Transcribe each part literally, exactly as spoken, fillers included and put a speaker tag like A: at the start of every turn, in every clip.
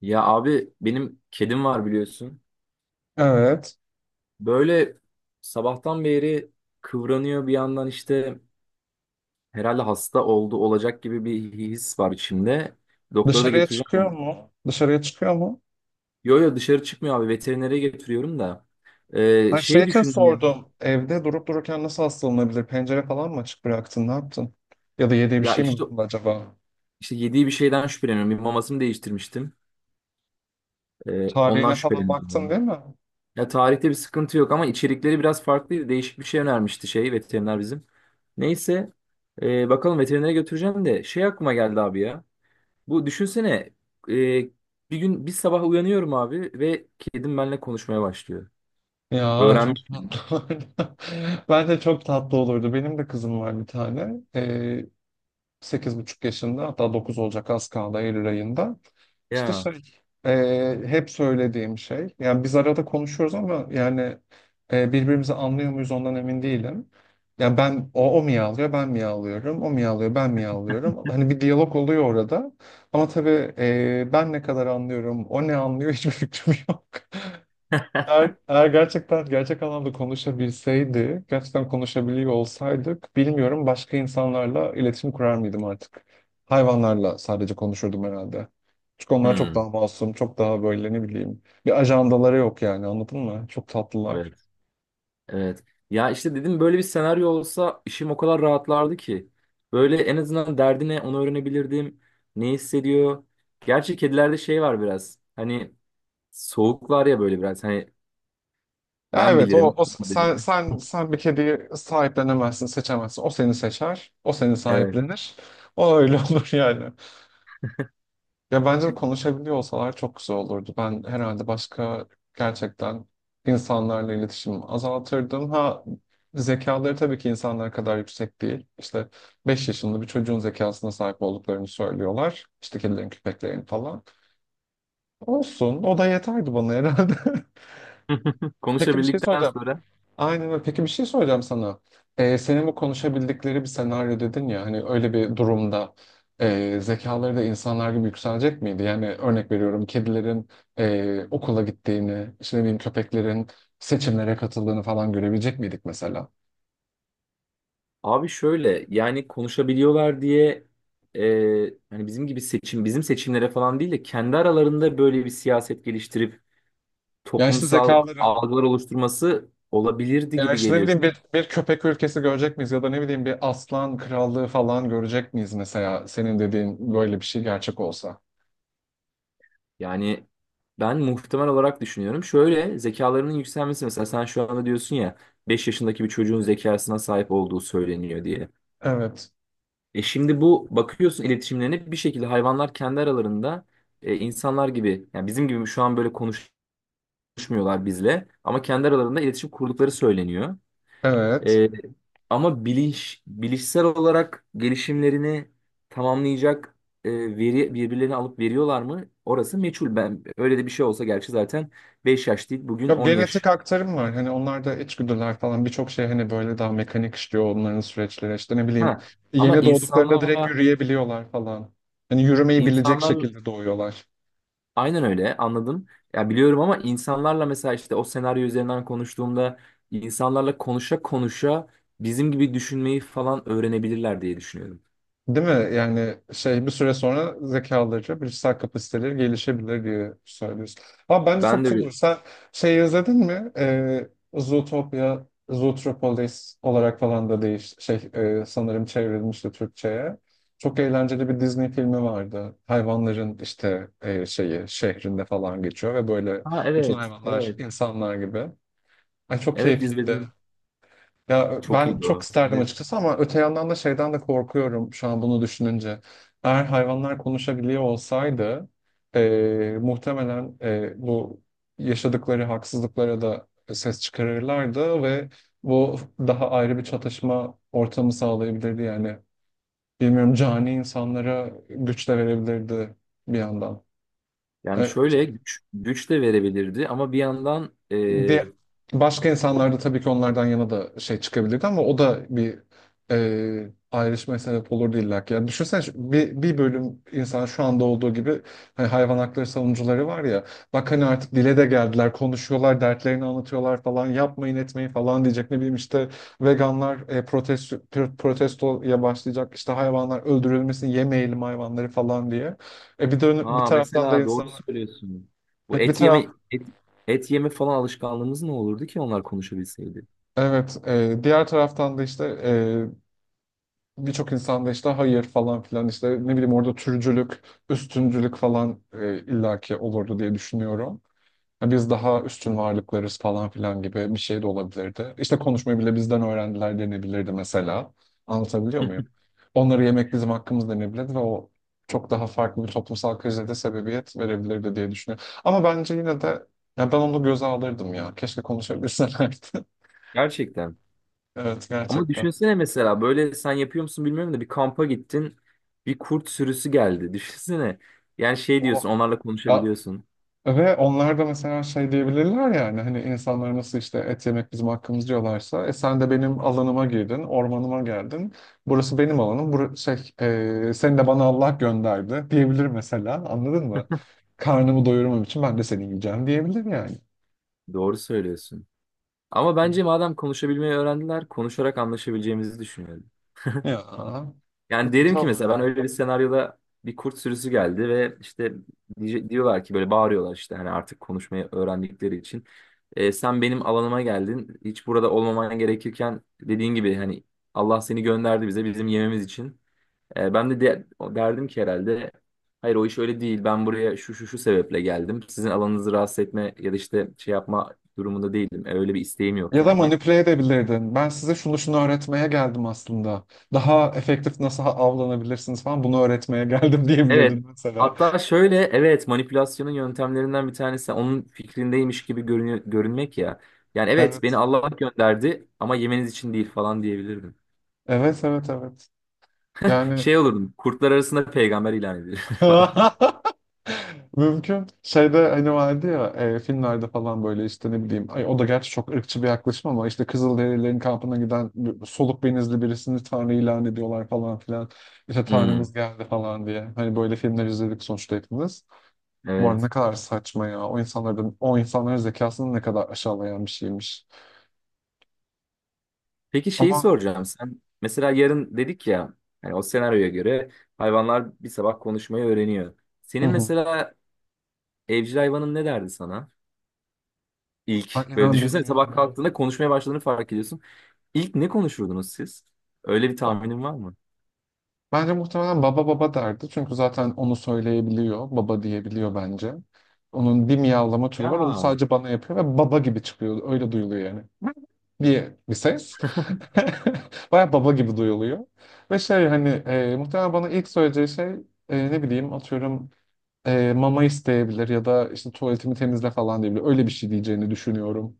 A: Ya abi benim kedim var biliyorsun.
B: Evet.
A: Böyle sabahtan beri kıvranıyor bir yandan işte herhalde hasta oldu olacak gibi bir his var içimde. Doktora da
B: Dışarıya
A: götüreceğim.
B: çıkıyor
A: onu.
B: mu? Dışarıya çıkıyor mu?
A: Yo, yo, dışarı çıkmıyor abi, veterinere getiriyorum da. Ee,
B: Her şey
A: şey
B: için
A: düşündüm ya.
B: sordum. Evde durup dururken nasıl hastalanabilir? Pencere falan mı açık bıraktın? Ne yaptın? Ya da yediği bir
A: Ya
B: şey mi
A: işte
B: dokundu acaba?
A: işte yediği bir şeyden şüpheleniyorum. Bir mamasını değiştirmiştim. Ee, ondan
B: Tarihine falan
A: şüpheleniyorum ya.
B: baktın değil mi?
A: Ya tarihte bir sıkıntı yok ama içerikleri biraz farklıydı. Değişik bir şey önermişti şey, veteriner bizim. Neyse, e, bakalım, veterinere götüreceğim de şey, aklıma geldi abi ya. Bu düşünsene, e, bir gün bir sabah uyanıyorum abi ve kedim benimle konuşmaya başlıyor.
B: Ya çok
A: Öğrenmiş.
B: tatlı olurdu. Bence çok tatlı olurdu. Benim de kızım var bir tane. Sekiz buçuk yaşında, hatta dokuz olacak, az kaldı, Eylül ayında. İşte
A: Ya.
B: şey e, hep söylediğim şey, yani biz arada konuşuyoruz ama yani e, birbirimizi anlıyor muyuz ondan emin değilim. Yani ben o, o miyavlıyor ben miyavlıyorum, o miyavlıyor ben miyavlıyorum. Hani bir diyalog oluyor orada, ama tabii e, ben ne kadar anlıyorum, o ne anlıyor, hiçbir fikrim yok. Eğer, eğer gerçekten gerçek anlamda konuşabilseydi, gerçekten konuşabiliyor olsaydık, bilmiyorum, başka insanlarla iletişim kurar mıydım artık? Hayvanlarla sadece konuşurdum herhalde. Çünkü onlar çok
A: Hmm,
B: daha masum, çok daha böyle, ne bileyim, bir ajandaları yok, yani anladın mı? Çok tatlılar.
A: evet. Evet. Ya işte dedim, böyle bir senaryo olsa işim o kadar rahatlardı ki. Böyle en azından derdine onu öğrenebilirdim. Ne hissediyor? Gerçi kedilerde şey var biraz. Hani soğuk var ya böyle biraz. Hani
B: Ya
A: ben
B: evet, o,
A: bilirim,
B: o
A: ben
B: sen
A: bilirim.
B: sen sen bir kediyi sahiplenemezsin, seçemezsin. O seni seçer, o seni
A: Evet.
B: sahiplenir. O öyle olur yani. Ya bence de konuşabiliyor olsalar çok güzel olurdu. Ben herhalde başka, gerçekten, insanlarla iletişimimi azaltırdım. Ha, zekaları tabii ki insanlar kadar yüksek değil. İşte beş yaşında bir çocuğun zekasına sahip olduklarını söylüyorlar. İşte kedilerin, köpeklerin falan. Olsun, o da yeterdi bana herhalde. Peki bir şey
A: Konuşabildikten
B: soracağım.
A: sonra
B: Aynen öyle. Peki bir şey soracağım sana. Ee, senin bu konuşabildikleri bir senaryo dedin ya, hani öyle bir durumda e, zekaları da insanlar gibi yükselecek miydi? Yani örnek veriyorum, kedilerin e, okula gittiğini, işte ne bileyim, köpeklerin seçimlere katıldığını falan görebilecek miydik mesela?
A: abi, şöyle yani konuşabiliyorlar diye, e, hani bizim gibi seçim bizim seçimlere falan değil de kendi aralarında böyle bir siyaset geliştirip
B: Yani işte
A: toplumsal
B: zekaları.
A: algılar oluşturması olabilirdi
B: Yani
A: gibi
B: işte ne
A: geliyor
B: bileyim
A: çünkü.
B: bir, bir köpek ülkesi görecek miyiz, ya da ne bileyim bir aslan krallığı falan görecek miyiz mesela, senin dediğin böyle bir şey gerçek olsa?
A: Yani ben muhtemel olarak düşünüyorum. Şöyle, zekalarının yükselmesi, mesela sen şu anda diyorsun ya, beş yaşındaki bir çocuğun zekasına sahip olduğu söyleniyor diye.
B: Evet,
A: E şimdi bu, bakıyorsun iletişimlerine, bir şekilde hayvanlar kendi aralarında, e, insanlar gibi yani bizim gibi şu an böyle konuşmuyorlar bizle, ama kendi aralarında iletişim kurdukları söyleniyor.
B: evet.
A: E, Ama bilinç, bilişsel olarak gelişimlerini tamamlayacak e, veri birbirlerini alıp veriyorlar mı? Orası meçhul. Ben, öyle de bir şey olsa gerçi, zaten beş yaş değil bugün,
B: Yok,
A: on
B: genetik
A: yaş.
B: aktarım var. Hani onlarda içgüdüler falan, birçok şey hani böyle daha mekanik işliyor onların süreçleri. İşte ne bileyim,
A: Ha, ama
B: yeni doğduklarında direkt
A: insanlarla
B: yürüyebiliyorlar falan. Hani yürümeyi bilecek
A: insanlar.
B: şekilde doğuyorlar.
A: Aynen öyle, anladım. Ya biliyorum, ama insanlarla mesela işte o senaryo üzerinden konuştuğumda, insanlarla konuşa konuşa bizim gibi düşünmeyi falan öğrenebilirler diye düşünüyorum.
B: Değil mi? Yani şey, bir süre sonra zekaları, bilişsel kapasiteleri gelişebilir diye söylüyorsun. Ama bence çok
A: Ben de
B: güzel
A: öyle.
B: olur. Sen şey izledin mi? Ee, Zootopia, Zootropolis olarak falan da değiş şey e, sanırım çevrilmişti Türkçe'ye. Çok eğlenceli bir Disney filmi vardı. Hayvanların işte e, şeyi şehrinde falan geçiyor ve böyle
A: Ha
B: bütün
A: evet,
B: hayvanlar
A: evet.
B: insanlar gibi. Ay çok
A: Evet,
B: keyifliydi.
A: izledim.
B: Ya
A: Çok
B: ben
A: iyiydi
B: çok
A: o.
B: isterdim
A: Evet.
B: açıkçası, ama öte yandan da şeyden de korkuyorum şu an bunu düşününce. Eğer hayvanlar konuşabiliyor olsaydı, eee, muhtemelen eee, bu yaşadıkları haksızlıklara da ses çıkarırlardı ve bu daha ayrı bir çatışma ortamı sağlayabilirdi yani. Bilmiyorum, cani insanlara güç de verebilirdi bir yandan.
A: Yani
B: Evet.
A: şöyle, güç, güç de verebilirdi ama bir yandan e,
B: Ve başka insanlar da tabii ki onlardan yana da şey çıkabilirdi, ama o da bir e, ayrışmaya sebep olurdu illa ki. Yani düşünsene, şu- bir, bir bölüm insan, şu anda olduğu gibi, hani hayvan hakları savunucuları var ya, bak hani artık dile de geldiler, konuşuyorlar, dertlerini anlatıyorlar falan, yapmayın etmeyin falan diyecek, ne bileyim işte veganlar e, protesto, pro- protestoya başlayacak işte, hayvanlar öldürülmesin, yemeyelim hayvanları falan diye. E bir de bir
A: ha,
B: taraftan da
A: mesela doğru
B: insanlar.
A: söylüyorsun. Bu
B: Evet, bir
A: et yeme
B: taraftan.
A: et, et yeme falan alışkanlığımız ne olurdu ki onlar konuşabilseydi?
B: Evet, e, diğer taraftan da işte e, birçok insan da işte hayır falan filan, işte ne bileyim, orada türcülük, üstüncülük falan e, illaki olurdu diye düşünüyorum. Ya biz daha üstün varlıklarız falan filan gibi bir şey de olabilirdi. İşte konuşmayı bile bizden öğrendiler denebilirdi mesela. Anlatabiliyor muyum? Onları yemek bizim hakkımız denebilirdi ve o çok daha farklı bir toplumsal krize de sebebiyet verebilirdi diye düşünüyorum. Ama bence yine de, ya ben onu göze alırdım ya. Keşke konuşabilselerdi.
A: Gerçekten.
B: Evet
A: Ama
B: gerçekten.
A: düşünsene, mesela böyle, sen yapıyor musun bilmiyorum da, bir kampa gittin, bir kurt sürüsü geldi. Düşünsene. Yani şey diyorsun, onlarla
B: Ya,
A: konuşabiliyorsun.
B: ve onlar da mesela şey diyebilirler, yani hani, hani insanlar nasıl işte et yemek bizim hakkımız diyorlarsa, e sen de benim alanıma girdin, ormanıma geldin. Burası benim alanım. Bur şey e, seni de bana Allah gönderdi diyebilir mesela. Anladın mı? Karnımı doyurmam için ben de seni yiyeceğim diyebilir yani.
A: Doğru söylüyorsun. Ama bence, madem konuşabilmeyi öğrendiler, konuşarak anlaşabileceğimizi düşünüyorum.
B: Ya.
A: Yani
B: Evet,
A: derim
B: güzel
A: ki mesela, ben
B: olurdu.
A: öyle bir senaryoda bir kurt sürüsü geldi ve işte diye- diyorlar ki, böyle bağırıyorlar işte, hani artık konuşmayı öğrendikleri için. "E, sen benim alanıma geldin. Hiç burada olmaman gerekirken, dediğin gibi hani Allah seni gönderdi bize bizim yememiz için." E, ben de, de derdim ki herhalde, "Hayır, o iş öyle değil. Ben buraya şu şu şu sebeple geldim. Sizin alanınızı rahatsız etme ya da işte şey yapma durumunda değilim. E, öyle bir isteğim yok
B: Ya da
A: yani."
B: manipüle edebilirdin. Ben size şunu şunu öğretmeye geldim aslında. Daha efektif nasıl avlanabilirsiniz falan, bunu öğretmeye geldim
A: Evet.
B: diyebilirdin mesela.
A: Hatta şöyle, evet, manipülasyonun yöntemlerinden bir tanesi onun fikrindeymiş gibi görünü- görünmek ya. Yani "Evet, beni
B: Evet.
A: Allah gönderdi ama yemeniz için değil" falan diyebilirdim.
B: Evet, evet, evet. Yani
A: Şey olurdum, kurtlar arasında peygamber ilan edilir falan.
B: mümkün. Şeyde hani vardı ya, e, filmlerde falan böyle, işte ne bileyim. Ay, o da gerçi çok ırkçı bir yaklaşım, ama işte Kızılderililerin kampına giden bir- soluk benizli birisini Tanrı ilan ediyorlar falan filan. İşte Tanrımız
A: Hmm,
B: geldi falan diye. Hani böyle filmler izledik sonuçta hepimiz. Bu arada ne
A: evet.
B: kadar saçma ya. O insanların, o insanların zekasını ne kadar aşağılayan bir şeymiş.
A: Peki, şeyi
B: Ama
A: soracağım. Sen mesela, yarın dedik ya, yani o senaryoya göre hayvanlar bir sabah konuşmayı öğreniyor.
B: hı
A: Senin
B: hı.
A: mesela evcil hayvanın ne derdi sana?
B: Ay,
A: İlk, böyle
B: inan
A: düşünsene, sabah
B: bilmiyorum.
A: kalktığında konuşmaya başladığını fark ediyorsun. İlk ne konuşurdunuz siz? Öyle bir tahminin var mı?
B: Bence muhtemelen baba baba derdi. Çünkü zaten onu söyleyebiliyor. Baba diyebiliyor bence. Onun bir miyavlama
A: Ya
B: türü var. Onu
A: ama
B: sadece bana yapıyor ve baba gibi çıkıyor. Öyle duyuluyor yani. Diye bir ses. Baya baba gibi duyuluyor. Ve şey hani e, muhtemelen bana ilk söyleyeceği şey e, ne bileyim atıyorum e, mama isteyebilir, ya da işte tuvaletimi temizle falan diyebilir. Öyle bir şey diyeceğini düşünüyorum.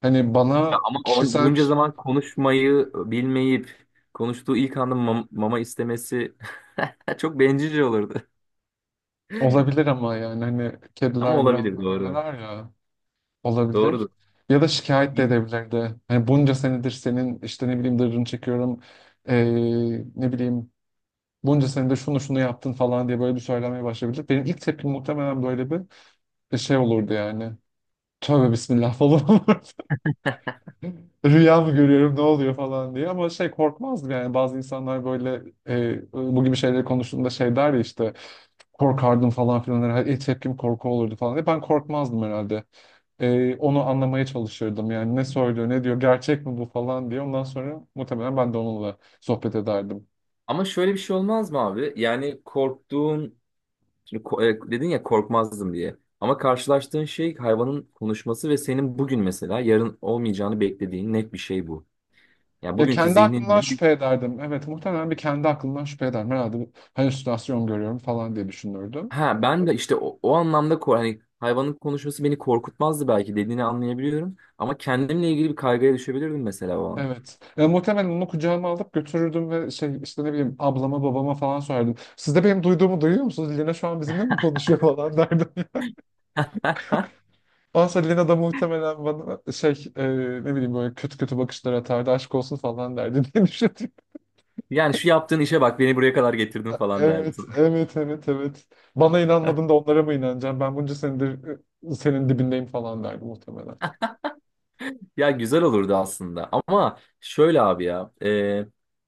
B: Hani bana
A: o-
B: kişisel bir
A: bunca
B: şey
A: zaman konuşmayı bilmeyip konuştuğu ilk anda mam- mama istemesi çok bencilce olurdu.
B: olabilir, ama yani hani
A: Ama
B: kediler biraz
A: olabilir,
B: da
A: doğru.
B: öyleler ya.
A: Doğrudur.
B: Olabilir. Ya da şikayet de edebilirdi. Hani bunca senedir senin işte ne bileyim dırrını çekiyorum. eee, ne bileyim, bunca senedir şunu şunu yaptın falan diye böyle bir söylemeye başlayabilir. Benim ilk tepkim muhtemelen böyle bir bir şey olurdu yani. Tövbe bismillah falan olurdu. Rüya mı görüyorum, ne oluyor falan diye. Ama şey, korkmazdım yani. Bazı insanlar böyle eee bu gibi şeyleri konuştuğunda şey der ya, işte korkardım falan filan, İlk tepkim korku olurdu falan diye. Ben korkmazdım herhalde. Ee, onu anlamaya çalışırdım. Yani ne söylüyor, ne diyor, gerçek mi bu falan diye. Ondan sonra muhtemelen ben de onunla sohbet ederdim.
A: Ama şöyle bir şey olmaz mı abi? Yani korktuğun. Şimdi ko- e, dedin ya "korkmazdım" diye. Ama karşılaştığın şey hayvanın konuşması ve senin bugün, mesela yarın olmayacağını beklediğin net bir şey bu. Yani
B: Ya
A: bugünkü
B: kendi aklımdan
A: zihninle bir-
B: şüphe ederdim. Evet, muhtemelen bir kendi aklımdan şüphe ederdim. Herhalde bir halüsinasyon görüyorum falan diye düşünürdüm.
A: ha, ben de işte o, o anlamda, ko- hani hayvanın konuşması beni korkutmazdı belki dediğini anlayabiliyorum. Ama kendimle ilgili bir kaygıya düşebilirdim mesela, o an.
B: Evet. E, muhtemelen onu kucağıma alıp götürürdüm ve şey işte ne bileyim ablama babama falan sorardım. Siz de benim duyduğumu duyuyor musunuz? Lina şu an bizimle mi konuşuyor falan derdim. Ondan sonra Lina da muhtemelen bana şey e, ne bileyim böyle kötü kötü bakışlar atardı. Aşk olsun falan derdi diye düşünüyorum.
A: Yani "Şu yaptığın işe bak, beni buraya kadar getirdin" falan
B: Evet,
A: derdim.
B: evet, evet, evet. Bana inanmadın da onlara mı inanacağım? Ben bunca senedir e, senin dibindeyim falan derdi muhtemelen.
A: Ya güzel olurdu aslında ama şöyle abi ya, e,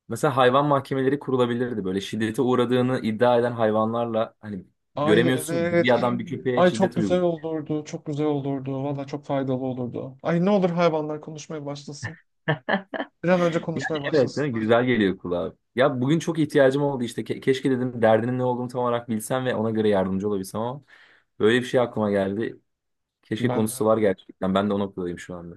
A: mesela hayvan mahkemeleri kurulabilirdi, böyle şiddete uğradığını iddia eden hayvanlarla. Hani
B: Ay
A: göremiyorsun ya,
B: evet.
A: bir adam bir köpeğe
B: Ay çok
A: şiddet
B: güzel
A: uyguluyor.
B: olurdu. Çok güzel olurdu. Valla çok faydalı olurdu. Ay ne olur hayvanlar konuşmaya başlasın. Bir an önce
A: Yani
B: konuşmaya
A: evet, değil mi?
B: başlasınlar.
A: Güzel geliyor kulağa. Ya bugün çok ihtiyacım oldu işte, Ke- keşke dedim, derdinin ne olduğunu tam olarak bilsem ve ona göre yardımcı olabilsem, ama böyle bir şey aklıma geldi. Keşke
B: Bence.
A: konusu var gerçekten, ben de o noktadayım şu anda.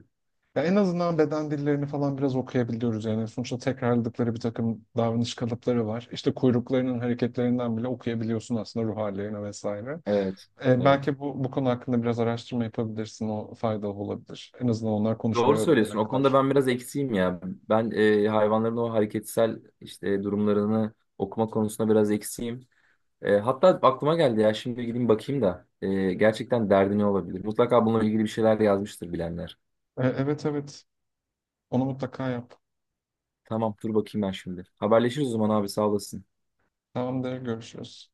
B: Ya en azından beden dillerini falan biraz okuyabiliyoruz yani. Sonuçta tekrarladıkları bir takım davranış kalıpları var. İşte kuyruklarının hareketlerinden bile okuyabiliyorsun aslında ruh hallerini vesaire.
A: Evet.
B: E,
A: Evet.
B: belki bu bu konu hakkında biraz araştırma yapabilirsin. O faydalı olabilir. En azından onlar
A: Doğru
B: konuşmayı öğrenene
A: söylüyorsun. O konuda
B: kadar.
A: ben biraz eksiğim ya. Ben e, hayvanların o hareketsel işte durumlarını okuma konusunda biraz eksiğim. E, hatta aklıma geldi ya, şimdi gideyim bakayım da, e, gerçekten derdi ne olabilir? Mutlaka bununla ilgili bir şeyler yazmıştır bilenler.
B: E, evet evet. Onu mutlaka yap.
A: Tamam, dur bakayım ben şimdi. Haberleşiriz o zaman abi, sağ olasın.
B: Tamamdır. Görüşürüz.